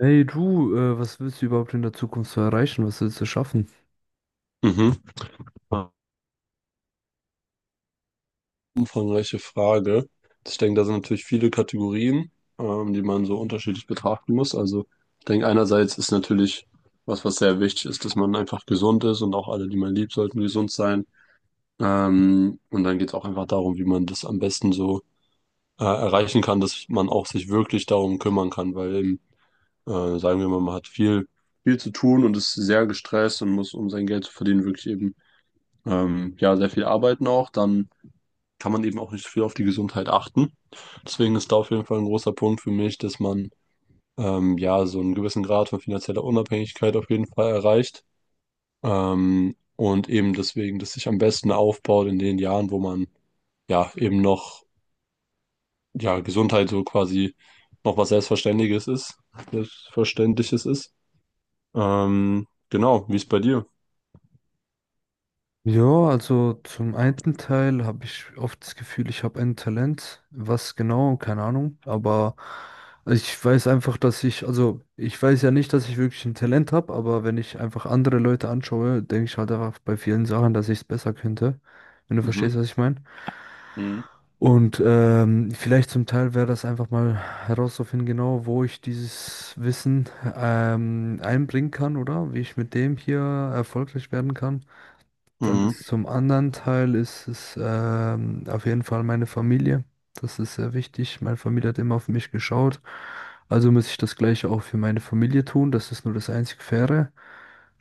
Hey du, was willst du überhaupt in der Zukunft so erreichen? Was willst du schaffen? Mhm. Umfangreiche Frage. Ich denke, da sind natürlich viele Kategorien, die man so unterschiedlich betrachten muss. Also ich denke, einerseits ist natürlich was sehr wichtig ist, dass man einfach gesund ist und auch alle, die man liebt, sollten gesund sein. Und dann geht es auch einfach darum, wie man das am besten so erreichen kann, dass man auch sich wirklich darum kümmern kann, weil eben, sagen wir mal, man hat viel zu tun und ist sehr gestresst und muss, um sein Geld zu verdienen, wirklich eben ja, sehr viel arbeiten auch. Dann kann man eben auch nicht viel auf die Gesundheit achten. Deswegen ist da auf jeden Fall ein großer Punkt für mich, dass man ja, so einen gewissen Grad von finanzieller Unabhängigkeit auf jeden Fall erreicht. Und eben deswegen, dass sich am besten aufbaut in den Jahren, wo man ja eben noch ja Gesundheit so quasi noch was Selbstverständliches ist. Genau, wie ist bei dir? Ja, also zum einen Teil habe ich oft das Gefühl, ich habe ein Talent. Was genau, keine Ahnung. Aber ich weiß einfach, also ich weiß ja nicht, dass ich wirklich ein Talent habe, aber wenn ich einfach andere Leute anschaue, denke ich halt einfach bei vielen Sachen, dass ich es besser könnte. Wenn du verstehst, Mhm. was ich meine. Mhm. Und vielleicht zum Teil wäre das einfach mal herauszufinden, genau wo ich dieses Wissen einbringen kann, oder wie ich mit dem hier erfolgreich werden kann. Dann Mhm. ist zum anderen Teil ist es auf jeden Fall meine Familie. Das ist sehr wichtig. Meine Familie hat immer auf mich geschaut. Also muss ich das Gleiche auch für meine Familie tun. Das ist nur das einzig Faire.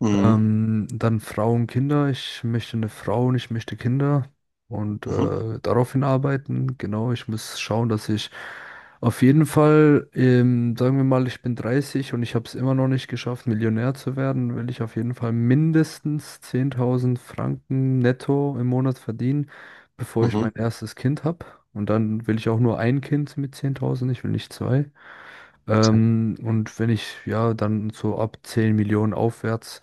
Mhm. Dann Frauen, Kinder. Ich möchte eine Frau und ich möchte Kinder und Mhm. Daraufhin arbeiten. Genau, ich muss schauen, dass ich auf jeden Fall, sagen wir mal, ich bin 30 und ich habe es immer noch nicht geschafft, Millionär zu werden, will ich auf jeden Fall mindestens 10.000 Franken netto im Monat verdienen, bevor ich Mhm. mein erstes Kind habe. Und dann will ich auch nur ein Kind mit 10.000, ich will nicht zwei. Und wenn ich ja dann so ab 10 Millionen aufwärts,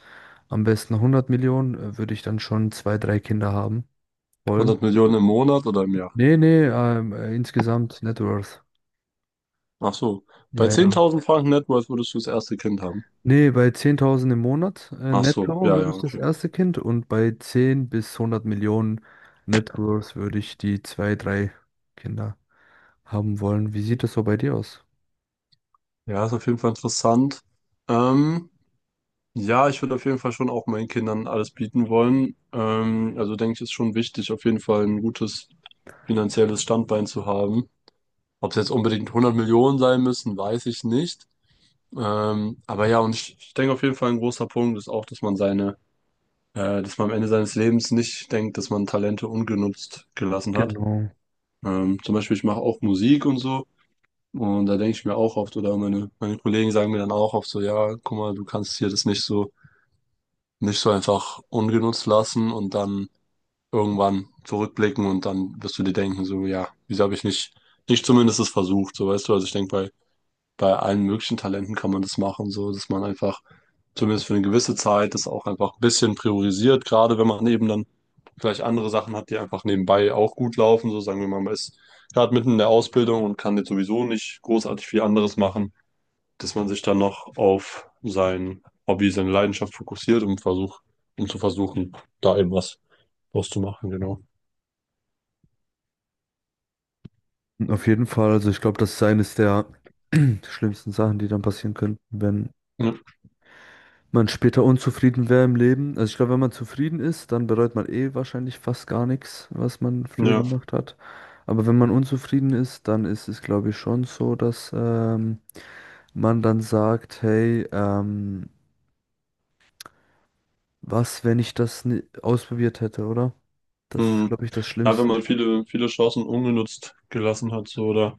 am besten 100 Millionen, würde ich dann schon zwei, drei Kinder haben wollen. 100 Millionen im Monat oder im Jahr? Nee, nee, insgesamt Net Worth. Ach so. Bei Ja, ja. 10.000 Franken Net Worth würdest du das erste Kind haben. Nee, bei 10.000 im Monat Ach so, netto ja, würde ja, ich das okay. erste Kind und bei 10 bis 100 Millionen Net Worth würde ich die zwei, drei Kinder haben wollen. Wie sieht das so bei dir aus? Ja, ist auf jeden Fall interessant. Ähm, ja, ich würde auf jeden Fall schon auch meinen Kindern alles bieten wollen. Also denke ich, ist schon wichtig, auf jeden Fall ein gutes finanzielles Standbein zu haben. Ob es jetzt unbedingt 100 Millionen sein müssen, weiß ich nicht. Aber ja, und ich denke auf jeden Fall ein großer Punkt ist auch, dass man seine, dass man am Ende seines Lebens nicht denkt, dass man Talente ungenutzt gelassen hat. Genau. Zum Beispiel, ich mache auch Musik und so. Und da denke ich mir auch oft, oder meine Kollegen sagen mir dann auch oft so, ja, guck mal, du kannst hier das nicht so, nicht so einfach ungenutzt lassen und dann irgendwann zurückblicken und dann wirst du dir denken, so, ja, wieso habe ich nicht, nicht zumindest es versucht, so weißt du, also ich denke, bei, bei allen möglichen Talenten kann man das machen, so, dass man einfach zumindest für eine gewisse Zeit das auch einfach ein bisschen priorisiert, gerade wenn man eben dann vielleicht andere Sachen hat, die einfach nebenbei auch gut laufen. So sagen wir mal, man ist gerade mitten in der Ausbildung und kann jetzt sowieso nicht großartig viel anderes machen, dass man sich dann noch auf sein Hobby, seine Leidenschaft fokussiert und versucht, um zu versuchen, da eben was draus zu machen, genau. Auf jeden Fall, also ich glaube, das ist eines der schlimmsten Sachen, die dann passieren können, wenn Ja, man später unzufrieden wäre im Leben. Also ich glaube, wenn man zufrieden ist, dann bereut man eh wahrscheinlich fast gar nichts, was man früher ja. gemacht hat. Aber wenn man unzufrieden ist, dann ist es, glaube ich, schon so, dass man dann sagt, hey, was, wenn ich das ausprobiert hätte, oder? Das ist, Hm. glaube ich, das Ja, wenn Schlimmste. man viele, viele Chancen ungenutzt gelassen hat, so oder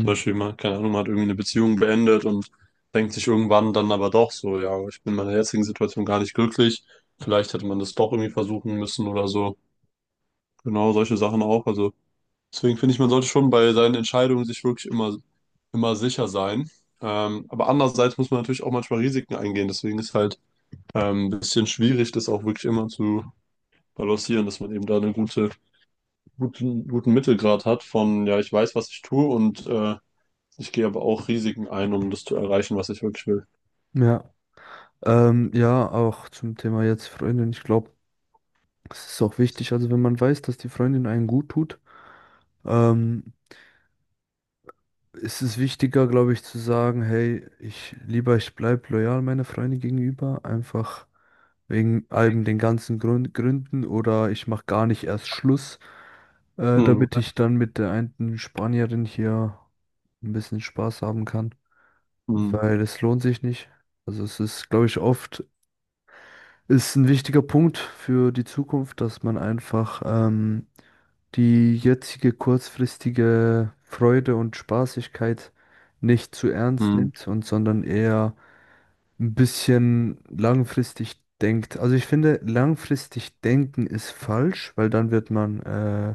zum Beispiel mal, keine Ahnung, man hat irgendwie eine Beziehung beendet und denkt sich irgendwann dann aber doch so, ja, ich bin in meiner jetzigen Situation gar nicht glücklich. Vielleicht hätte man das doch irgendwie versuchen müssen oder so. Genau, solche Sachen auch. Also deswegen finde ich, man sollte schon bei seinen Entscheidungen sich wirklich immer sicher sein. Aber andererseits muss man natürlich auch manchmal Risiken eingehen. Deswegen ist halt ein bisschen schwierig, das auch wirklich immer zu balancieren, dass man eben da einen guten Mittelgrad hat von, ja, ich weiß, was ich tue und ich gehe aber auch Risiken ein, um das zu erreichen, was ich wirklich will. Ja. Ja, auch zum Thema jetzt Freundin. Ich glaube, es ist auch wichtig, also wenn man weiß, dass die Freundin einen gut tut, ähm, ist es wichtiger, glaube ich, zu sagen, hey, ich bleib loyal meiner Freundin gegenüber, einfach wegen allem den ganzen Gründen oder ich mache gar nicht erst Schluss, Mhm. damit ich dann mit der einen Spanierin hier ein bisschen Spaß haben kann, Mhm. weil es lohnt sich nicht. Also es ist, glaube ich, oft ist ein wichtiger Punkt für die Zukunft, dass man einfach die jetzige kurzfristige Freude und Spaßigkeit nicht zu ernst Mhm. nimmt und sondern eher ein bisschen langfristig denkt. Also ich finde, langfristig denken ist falsch, weil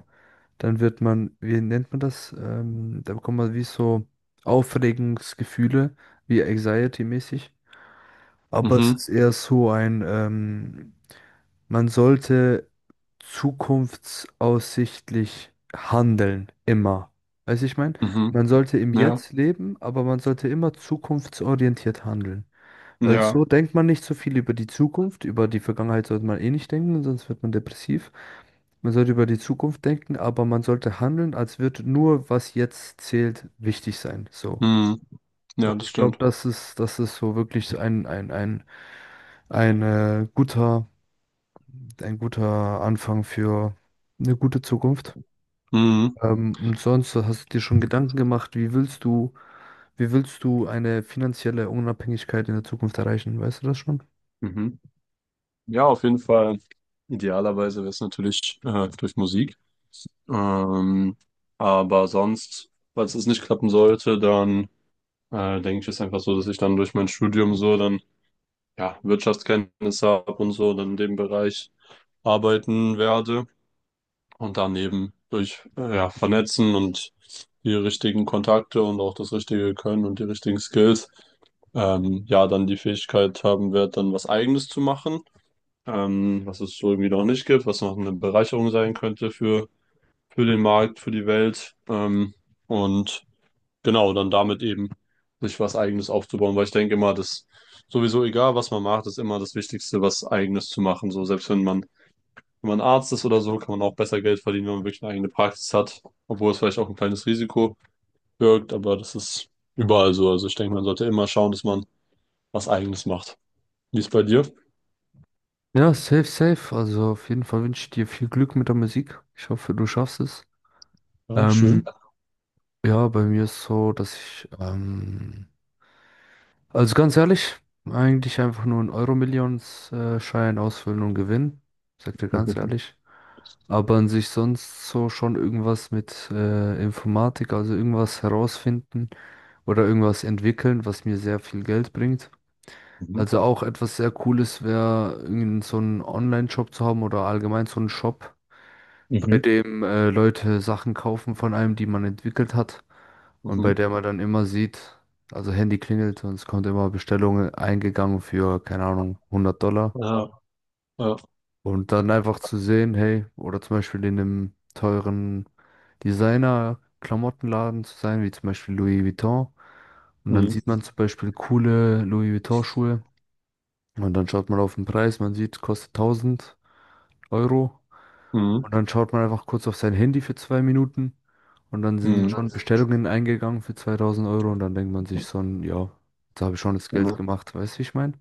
dann wird man, wie nennt man das? Da bekommt man wie so Aufregungsgefühle, wie Anxiety-mäßig. Aber es Mhm. ist eher so ein, man sollte zukunftsaussichtlich handeln, immer. Weiß ich mein? Mhm. Man sollte im Ja. Jetzt leben, aber man sollte immer zukunftsorientiert handeln. Weil so Ja. denkt man nicht so viel über die Zukunft, über die Vergangenheit sollte man eh nicht denken, sonst wird man depressiv. Man sollte über die Zukunft denken, aber man sollte handeln, als würde nur, was jetzt zählt, wichtig sein. So. Mhm. Ja, Und das ich glaube, stimmt. das ist so wirklich so ein äh, guter ein guter Anfang für eine gute Zukunft. Mhm. Und sonst hast du dir schon Gedanken gemacht, wie willst du eine finanzielle Unabhängigkeit in der Zukunft erreichen? Weißt du das schon? Mhm. Ja, auf jeden Fall. Idealerweise wäre es natürlich durch Musik. Ähm, aber sonst, falls es nicht klappen sollte, dann denke ich, ist einfach so, dass ich dann durch mein Studium so dann ja Wirtschaftskenntnisse habe und so dann in dem Bereich arbeiten werde. Und daneben durch ja, Vernetzen und die richtigen Kontakte und auch das richtige Können und die richtigen Skills, ja, dann die Fähigkeit haben wird, dann was Eigenes zu machen, was es so irgendwie noch nicht gibt, was noch eine Bereicherung sein könnte für den Markt, für die Welt. Und genau, dann damit eben sich was Eigenes aufzubauen, weil ich denke immer, dass sowieso egal, was man macht, ist immer das Wichtigste, was Eigenes zu machen. So, selbst wenn man wenn man Arzt ist oder so, kann man auch besser Geld verdienen, wenn man wirklich eine eigene Praxis hat. Obwohl es vielleicht auch ein kleines Risiko birgt, aber das ist überall so. Also ich denke, man sollte immer schauen, dass man was Eigenes macht. Wie ist bei dir? Ja, safe, safe. Also auf jeden Fall wünsche ich dir viel Glück mit der Musik. Ich hoffe, du schaffst es. Ähm, Dankeschön. ja, bei mir ist so, also ganz ehrlich, eigentlich einfach nur einen Euro-Millions-Schein ausfüllen und gewinnen. Sag dir ganz ehrlich. Aber an sich sonst so schon irgendwas mit Informatik, also irgendwas herausfinden oder irgendwas entwickeln, was mir sehr viel Geld bringt. Mhm. Also auch etwas sehr Cooles wäre, irgend so einen Online-Shop zu haben oder allgemein so einen Shop, bei Mhm. dem Leute Sachen kaufen von einem, die man entwickelt hat und bei Mhm. der man dann immer sieht, also Handy klingelt und es kommt immer Bestellungen eingegangen für, keine Ahnung, $100. Ja, ja. Und dann einfach zu sehen, hey, oder zum Beispiel in einem teuren Designer-Klamottenladen zu sein, wie zum Beispiel Louis Vuitton. Und dann Mhm. sieht man zum Beispiel coole Louis Vuitton-Schuhe. Und dann schaut man auf den Preis, man sieht, kostet 1000 Euro. Mhm. Und dann schaut man einfach kurz auf sein Handy für 2 Minuten. Und dann sind Mhm. schon Bestellungen eingegangen für 2000 Euro. Und dann denkt man sich so, ja, jetzt habe ich schon das Geld Mhm. gemacht. Weißt du, wie ich meine?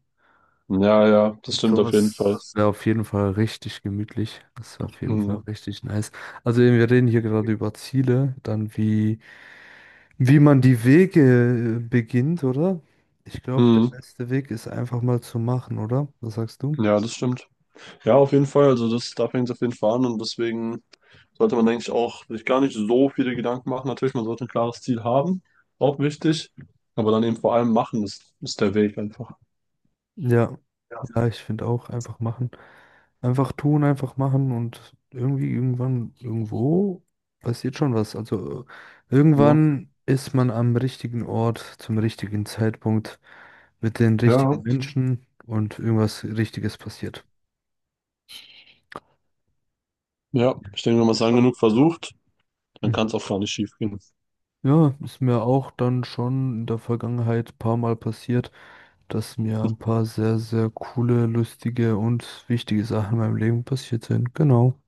Ja, ja, das stimmt auf jeden Fall. Sowas wäre auf jeden Fall richtig gemütlich. Das wäre auf jeden Fall Mhm. richtig nice. Also eben, wir reden hier gerade über Ziele, dann wie man die Wege beginnt, oder? Ich glaube, der Mhm. beste Weg ist einfach mal zu machen, oder? Was sagst du? Ja, das stimmt. Ja, auf jeden Fall. Also das, da fängt es auf jeden Fall an und deswegen sollte man eigentlich auch sich gar nicht so viele Gedanken machen. Natürlich, man sollte ein klares Ziel haben, auch wichtig, aber dann eben vor allem machen, ist der Weg einfach. Ja, Ja. ja, ich finde auch einfach machen. Einfach tun, einfach machen und irgendwie irgendwann, irgendwo passiert schon was. Also Ne? irgendwann ist man am richtigen Ort, zum richtigen Zeitpunkt, mit den Ja, richtigen Menschen und irgendwas Richtiges passiert. ja, ich denke, wenn man es lang Schon. genug versucht, dann kann Mhm. es auch gar nicht schief gehen. Ja, ist mir auch dann schon in der Vergangenheit ein paar Mal passiert, dass mir ein paar sehr, sehr coole, lustige und wichtige Sachen in meinem Leben passiert sind. Genau.